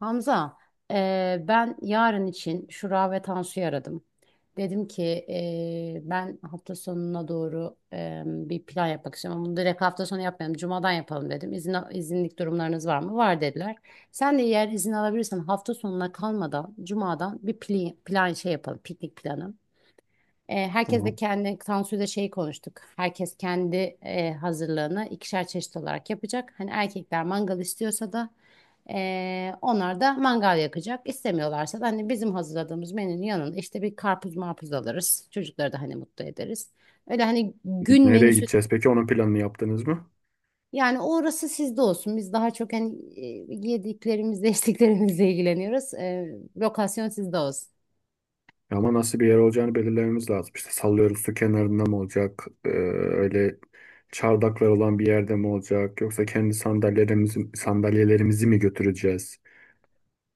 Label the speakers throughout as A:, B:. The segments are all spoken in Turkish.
A: Hamza, ben yarın için Şura ve Tansu'yu aradım. Dedim ki ben hafta sonuna doğru bir plan yapmak istiyorum. Ama bunu direkt hafta sonu yapmayalım. Cuma'dan yapalım dedim. İzinlik durumlarınız var mı? Var dediler. Sen de eğer izin alabilirsen hafta sonuna kalmadan Cuma'dan bir plan şey yapalım. Piknik planı. Herkes
B: Hı.
A: de kendi sansürde şey konuştuk. Herkes kendi hazırlığını ikişer çeşit olarak yapacak. Hani erkekler mangal istiyorsa da onlar da mangal yakacak. İstemiyorlarsa da hani bizim hazırladığımız menünün yanında işte bir karpuz marpuz alırız. Çocukları da hani mutlu ederiz. Öyle hani gün
B: Nereye
A: menüsü
B: gideceğiz? Peki onun planını yaptınız mı?
A: yani orası sizde olsun. Biz daha çok hani yediklerimizle içtiklerimizle ilgileniyoruz. Lokasyon sizde olsun.
B: Ya ama nasıl bir yer olacağını belirlememiz lazım. İşte sallıyoruz, su kenarında mı olacak? Öyle çardaklar olan bir yerde mi olacak? Yoksa kendi sandalyelerimizi mi götüreceğiz?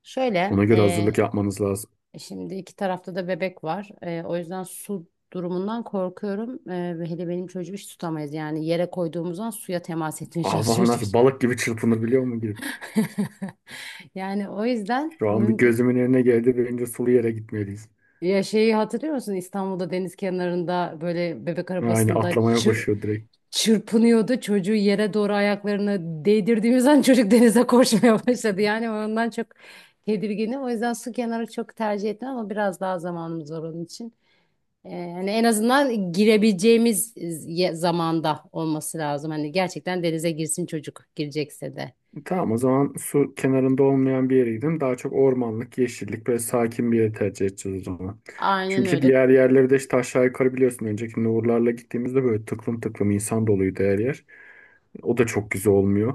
A: Şöyle.
B: Ona göre hazırlık yapmanız lazım.
A: Şimdi iki tarafta da bebek var. O yüzden su durumundan korkuyorum. Ve hele benim çocuğu hiç tutamayız. Yani yere koyduğumuzdan suya temas etmeye çalışıyor
B: Hava nasıl,
A: çocuk.
B: balık gibi çırpınabiliyor mu girip?
A: Yani o yüzden
B: Şu an bir
A: mümkün...
B: gözümün önüne geldi. Bence sulu yere gitmeliyiz.
A: Ya şeyi hatırlıyor musun? İstanbul'da deniz kenarında böyle bebek
B: Yani
A: arabasında
B: atlamaya başlıyor direkt.
A: çırpınıyordu. Çocuğu yere doğru ayaklarını değdirdiğimiz an çocuk denize koşmaya başladı. Yani ondan çok tedirginim. O yüzden su kenarı çok tercih etmem ama biraz daha zamanımız var onun için. Hani en azından girebileceğimiz zamanda olması lazım. Hani gerçekten denize girsin çocuk girecekse de.
B: Tamam, o zaman su kenarında olmayan bir yere gidelim. Daha çok ormanlık, yeşillik, böyle sakin bir yere tercih edeceğiz o zaman.
A: Aynen
B: Çünkü
A: öyle.
B: diğer yerleri de işte aşağı yukarı biliyorsun. Önceki Uğurlar'la gittiğimizde böyle tıklım tıklım insan doluydu her yer. O da çok güzel olmuyor.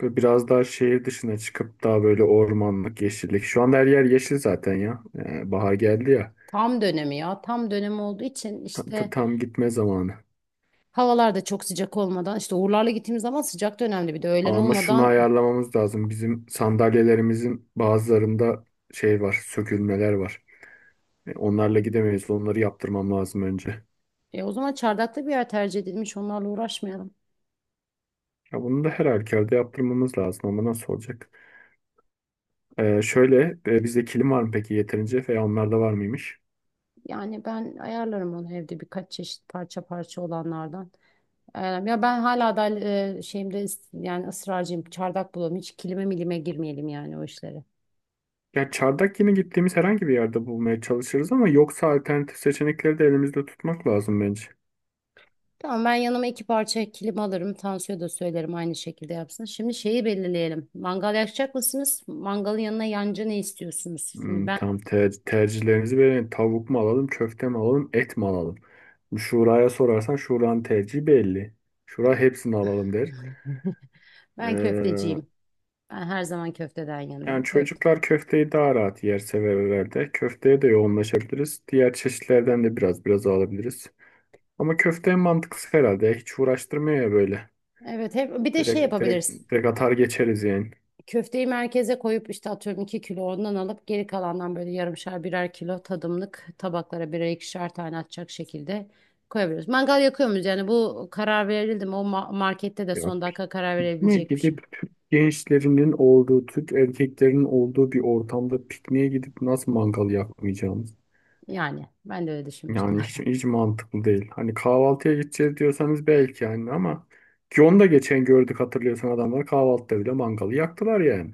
B: Böyle biraz daha şehir dışına çıkıp daha böyle ormanlık, yeşillik. Şu anda her yer yeşil zaten ya. Bahar geldi ya.
A: Tam dönemi ya. Tam dönemi olduğu için
B: Tam,
A: işte
B: tam gitme zamanı.
A: havalar da çok sıcak olmadan işte Uğurlar'la gittiğimiz zaman sıcak dönemde bir de öğlen
B: Ama şunu
A: olmadan
B: ayarlamamız lazım. Bizim sandalyelerimizin bazılarında şey var, sökülmeler var. Onlarla gidemeyiz. Onları yaptırmam lazım önce.
A: o zaman çardakta bir yer tercih edilmiş onlarla uğraşmayalım.
B: Ya bunu da her halükarda yaptırmamız lazım ama nasıl olacak? Şöyle, e, bizde kilim var mı peki yeterince, veya onlarda var mıymış?
A: Yani ben ayarlarım onu evde birkaç çeşit parça parça olanlardan. Ayarlarım. Ya ben hala da şeyimde yani ısrarcıyım. Çardak bulalım. Hiç kilime milime girmeyelim yani o işlere.
B: Ya çardak yine gittiğimiz herhangi bir yerde bulmaya çalışırız ama yoksa alternatif seçenekleri de elimizde tutmak lazım bence.
A: Tamam, ben yanıma iki parça kilim alırım. Tansu'ya da söylerim aynı şekilde yapsın. Şimdi şeyi belirleyelim. Mangal yakacak mısınız? Mangalın yanına yancı ne istiyorsunuz? Şimdi
B: Hmm,
A: ben
B: tam tercihlerinizi verin. Tavuk mu alalım, köfte mi alalım, et mi alalım? Şura'ya sorarsan Şura'nın tercihi belli. Şura hepsini alalım der.
A: ben
B: E,
A: köfteciyim. Ben her zaman köfteden
B: Yani
A: yanayım. Köfte.
B: çocuklar köfteyi daha rahat yer sever herhalde. Köfteye de yoğunlaşabiliriz. Diğer çeşitlerden de biraz biraz alabiliriz. Ama köfte en mantıklısı herhalde. Hiç uğraştırmıyor ya böyle.
A: Evet, hep bir de şey
B: Direkt, direkt,
A: yapabiliriz.
B: direkt atar geçeriz yani.
A: Köfteyi merkeze koyup işte atıyorum iki kilo ondan alıp geri kalandan böyle yarımşar birer kilo tadımlık tabaklara birer ikişer tane atacak şekilde koyabiliriz. Mangal yakıyor muyuz? Yani bu karar verildi mi? O markette de
B: Ya,
A: son dakika karar
B: pikniğe
A: verebilecek bir şey.
B: gidip gençlerinin olduğu, Türk erkeklerinin olduğu bir ortamda pikniğe gidip nasıl mangal yakmayacağımız?
A: Yani ben de öyle düşünmüştüm.
B: Yani hiç, hiç mantıklı değil. Hani kahvaltıya gideceğiz diyorsanız belki yani, ama ki onu da geçen gördük, hatırlıyorsan adamlar kahvaltıda bile mangalı yaktılar yani.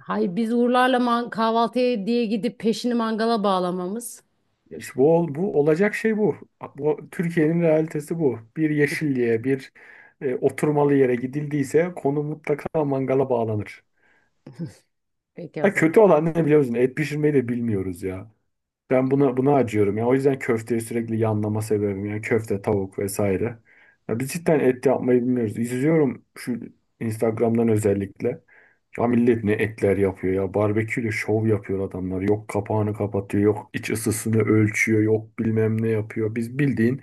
A: Hayır, biz Uğurlarla kahvaltıya diye gidip peşini mangala bağlamamız.
B: Ya İşte bu, bu olacak şey bu. Bu Türkiye'nin realitesi bu. Bir yeşilliğe, bir, oturmalı yere gidildiyse konu mutlaka mangala bağlanır.
A: Peki o
B: Ha,
A: zaman.
B: kötü olan ne biliyor musun? Et pişirmeyi de bilmiyoruz ya. Ben buna acıyorum ya. O yüzden köfteyi sürekli yanlama sebebim, yani köfte, tavuk vesaire. Ya biz cidden et yapmayı bilmiyoruz. İzliyorum şu Instagram'dan özellikle. Ya millet ne etler yapıyor ya. Barbeküyle şov yapıyor adamlar. Yok kapağını kapatıyor, yok iç ısısını ölçüyor, yok bilmem ne yapıyor. Biz bildiğin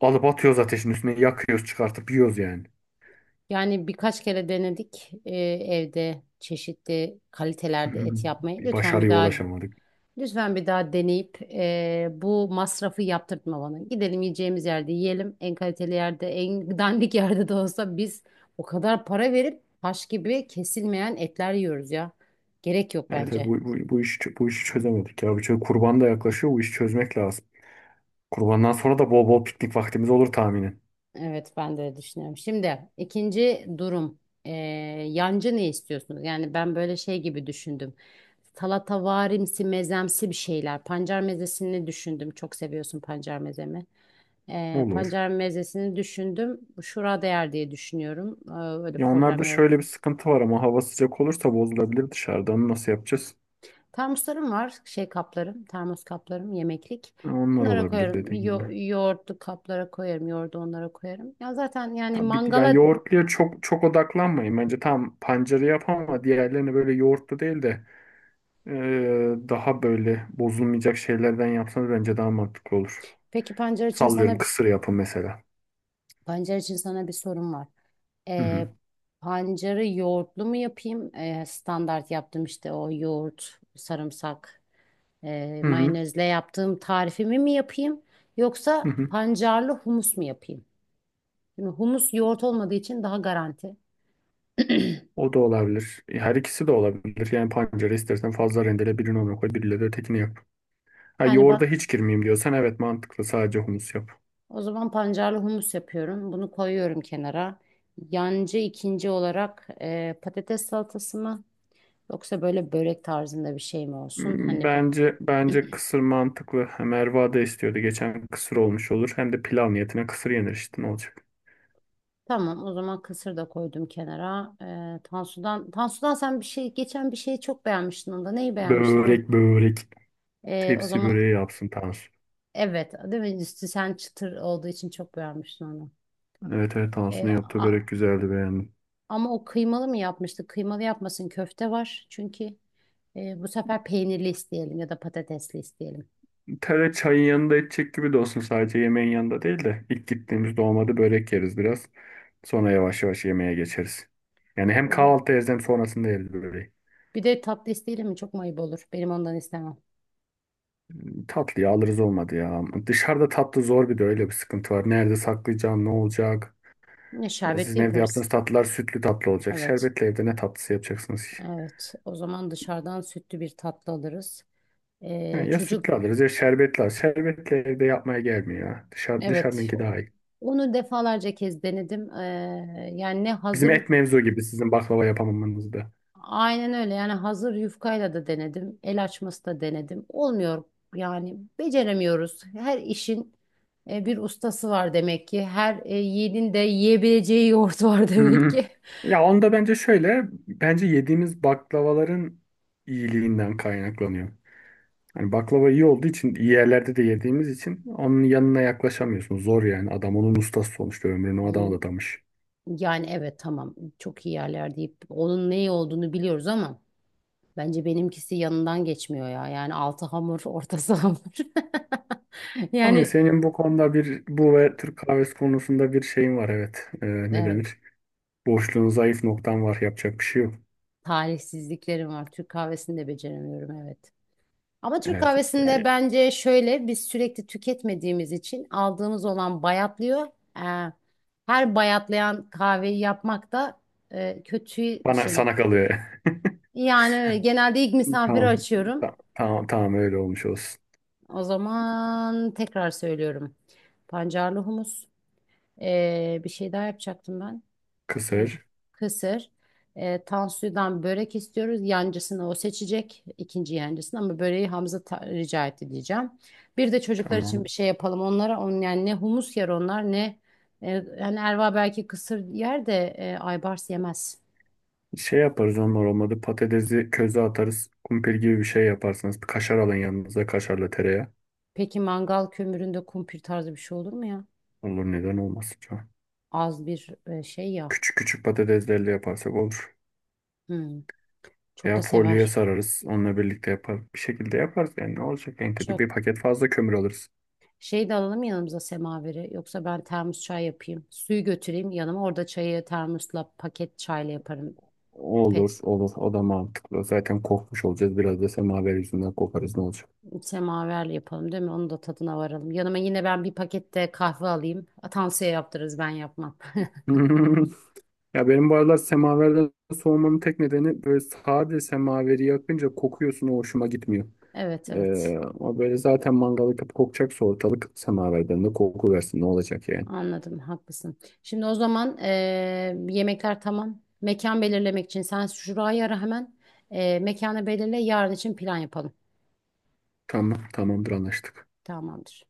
B: alıp atıyoruz ateşin üstüne, yakıyoruz, çıkartıp yiyoruz yani.
A: Yani birkaç kere denedik evde çeşitli kalitelerde et yapmayı.
B: Bir
A: Lütfen bir
B: başarıya
A: daha
B: ulaşamadık.
A: lütfen bir daha deneyip bu masrafı yaptırtma bana. Gidelim yiyeceğimiz yerde yiyelim. En kaliteli yerde, en dandik yerde de olsa biz o kadar para verip taş gibi kesilmeyen etler yiyoruz ya. Gerek yok
B: Evet, evet, bu,
A: bence.
B: bu, bu işi, bu işi çözemedik ya. Kurban da yaklaşıyor, bu işi çözmek lazım. Kurbandan sonra da bol bol piknik vaktimiz olur tahminen.
A: Evet, ben de öyle düşünüyorum. Şimdi ikinci durum. Ee, Yancı ne istiyorsunuz? Yani ben böyle şey gibi düşündüm. Salatavarimsi, mezemsi bir şeyler. Pancar mezesini düşündüm. Çok seviyorsun pancar mezemi.
B: Olur.
A: Pancar mezesini düşündüm. Şura değer diye düşünüyorum. Öyle
B: Ya
A: problem
B: onlarda
A: yarat.
B: şöyle bir sıkıntı var, ama hava sıcak olursa bozulabilir dışarıda. Onu nasıl yapacağız?
A: Termoslarım var. Şey kaplarım. Termos kaplarım. Yemeklik.
B: Ha, onlar
A: Onlara
B: olabilir
A: koyarım.
B: dediğim gibi.
A: Yoğurtlu kaplara koyarım. Yoğurdu onlara koyarım. Ya zaten yani
B: Tam bir, yani
A: mangala.
B: yoğurtluya çok çok odaklanmayın. Bence tam pancarı yap ama diğerlerini böyle yoğurtlu değil de daha böyle bozulmayacak şeylerden yapsanız bence daha mantıklı olur.
A: Peki pancar için
B: Sallıyorum
A: sana
B: kısır yapın mesela.
A: Pancar için sana bir sorum var.
B: Hı hı.
A: Ee, Pancarı yoğurtlu mu yapayım? Standart yaptım işte o yoğurt, sarımsak,
B: Hı hı.
A: mayonezle yaptığım tarifimi mi yapayım?
B: Hı
A: Yoksa
B: hı.
A: pancarlı humus mu yapayım? Şimdi humus yoğurt olmadığı için daha garanti.
B: O da olabilir. Her ikisi de olabilir. Yani pancara istersen fazla rendele, birini ona koy, biriyle de ötekini yap. Ha,
A: Yani
B: yoğurda
A: ben
B: hiç girmeyeyim diyorsan evet mantıklı. Sadece humus yap.
A: o zaman pancarlı humus yapıyorum. Bunu koyuyorum kenara. Yancı ikinci olarak patates salatası mı? Yoksa böyle börek tarzında bir şey mi olsun?
B: Hmm,
A: Hani.
B: bence kısır mantıklı. Ha, Merva da istiyordu. Geçen kısır olmuş olur. Hem de pilav niyetine kısır yenir işte, ne olacak.
A: Tamam, o zaman kısır da koydum kenara. Tansu'dan sen bir şey, geçen bir şeyi çok beğenmiştin onda. Neyi beğenmiştin onu?
B: Börek, börek.
A: O
B: Tepsi
A: zaman
B: böreği yapsın Tansu.
A: evet, değil mi? Üstü sen çıtır olduğu için çok beğenmiştin onu.
B: Evet evet,
A: Ee,
B: Tansu'nun yaptığı
A: a-
B: börek güzeldi, beğendim.
A: ama o kıymalı mı yapmıştı? Kıymalı yapmasın, köfte var. Çünkü bu sefer peynirli isteyelim ya da patatesli isteyelim.
B: Tere çayın yanında içecek gibi de olsun, sadece yemeğin yanında değil de. İlk gittiğimizde olmadı börek yeriz biraz. Sonra yavaş yavaş yemeğe geçeriz. Yani hem
A: Bu da.
B: kahvaltı yeriz hem sonrasında yeriz böyle.
A: Bir de tatlı isteyelim mi? Çok mayıp olur. Benim ondan istemem.
B: Tatlıyı alırız olmadı ya. Dışarıda tatlı zor, bir de öyle bir sıkıntı var. Nerede saklayacağım, ne olacak?
A: Ya
B: Ya sizin
A: şerbetli
B: evde yaptığınız
A: yaparız.
B: tatlılar sütlü tatlı olacak.
A: Evet,
B: Şerbetli evde ne tatlısı yapacaksınız ki?
A: evet. O zaman dışarıdan sütlü bir tatlı alırız.
B: Ha, ya
A: Çocuk
B: sütlü alırız ya şerbetli alırız. Şerbetli evde yapmaya gelmiyor ya. Dışarı,
A: evet
B: dışarınınki daha iyi.
A: onu defalarca kez denedim. Yani ne
B: Bizim
A: hazır,
B: et mevzu gibi sizin baklava yapamamanız da.
A: aynen öyle, yani hazır yufkayla da denedim. El açması da denedim. Olmuyor yani beceremiyoruz. Her işin bir ustası var demek ki. Her yiğidin de yiyebileceği yoğurt var demek
B: Hı.
A: ki.
B: Ya onda bence şöyle. Bence yediğimiz baklavaların iyiliğinden kaynaklanıyor. Hani baklava iyi olduğu için, iyi yerlerde de yediğimiz için onun yanına yaklaşamıyorsun. Zor yani. Adam onun ustası sonuçta, ömrünü ona
A: Yi-
B: adamış.
A: Yani evet tamam, çok iyi yerler deyip onun ne iyi olduğunu biliyoruz ama bence benimkisi yanından geçmiyor ya. Yani altı hamur ortası hamur.
B: Ama
A: Yani
B: senin bu konuda, bir bu ve Türk kahvesi konusunda bir şeyin var evet. Ne
A: evet,
B: denir? Boşluğun, zayıf noktan var. Yapacak bir şey yok.
A: talihsizliklerim var. Türk kahvesini de beceremiyorum, evet. Ama Türk
B: Evet.
A: kahvesinde
B: Yani
A: bence şöyle, biz sürekli tüketmediğimiz için aldığımız olan bayatlıyor. Ee, Her bayatlayan kahveyi yapmak da kötü
B: bana
A: şey.
B: sana kalıyor.
A: Yani öyle, genelde ilk misafiri
B: Tamam.
A: açıyorum.
B: Tamam, tamam, öyle olmuş olsun.
A: O zaman tekrar söylüyorum. Pancarlı humus. Bir şey daha yapacaktım ben. Bence
B: Kısır.
A: kısır. Tansu'dan börek istiyoruz. Yancısını o seçecek. İkinci yancısını, ama böreği Hamza rica etti diyeceğim. Bir de çocuklar için bir
B: Tamam.
A: şey yapalım onlara. Yani ne humus yer onlar ne yani Erva belki kısır yer de Aybars yemez.
B: Şey yaparız onlar olmadı. Patatesi köze atarız. Kumpir gibi bir şey yaparsınız. Bir kaşar alın yanınıza. Kaşarla tereyağı.
A: Peki mangal kömüründe kumpir tarzı bir şey olur mu ya?
B: Olur, neden olmasın.
A: Az bir şey ya.
B: Küçük küçük patateslerle yaparsak olur.
A: Hmm, çok da
B: Veya folyoya
A: sever.
B: sararız. Onunla birlikte yapar. Bir şekilde yaparız yani. Ne olacak en kötü?
A: Çok.
B: Bir paket fazla kömür alırız.
A: Şey de alalım yanımıza semaveri. Yoksa ben termos çay yapayım. Suyu götüreyim yanıma. Orada çayı termosla paket çayla yaparım.
B: Olur,
A: Pet
B: olur. O da mantıklı. Zaten kokmuş olacağız. Biraz da semaver yüzünden kokarız, ne olacak?
A: semaverle yapalım değil mi? Onun da tadına varalım. Yanıma yine ben bir pakette kahve alayım. Atansiye yaptırırız ben yapmam.
B: Ya benim bu aralar semaverden soğumamın tek nedeni, böyle sade semaveri yakınca kokuyorsun, o hoşuma gitmiyor.
A: Evet, evet,
B: Ama böyle zaten mangal yakıp kokacaksa ortalık, semaverden de koku versin ne olacak yani.
A: anladım haklısın. Şimdi o zaman yemekler tamam. Mekan belirlemek için sen şurayı ara hemen. Mekanı belirle yarın için plan yapalım.
B: Tamam, tamamdır, anlaştık.
A: Tamamdır.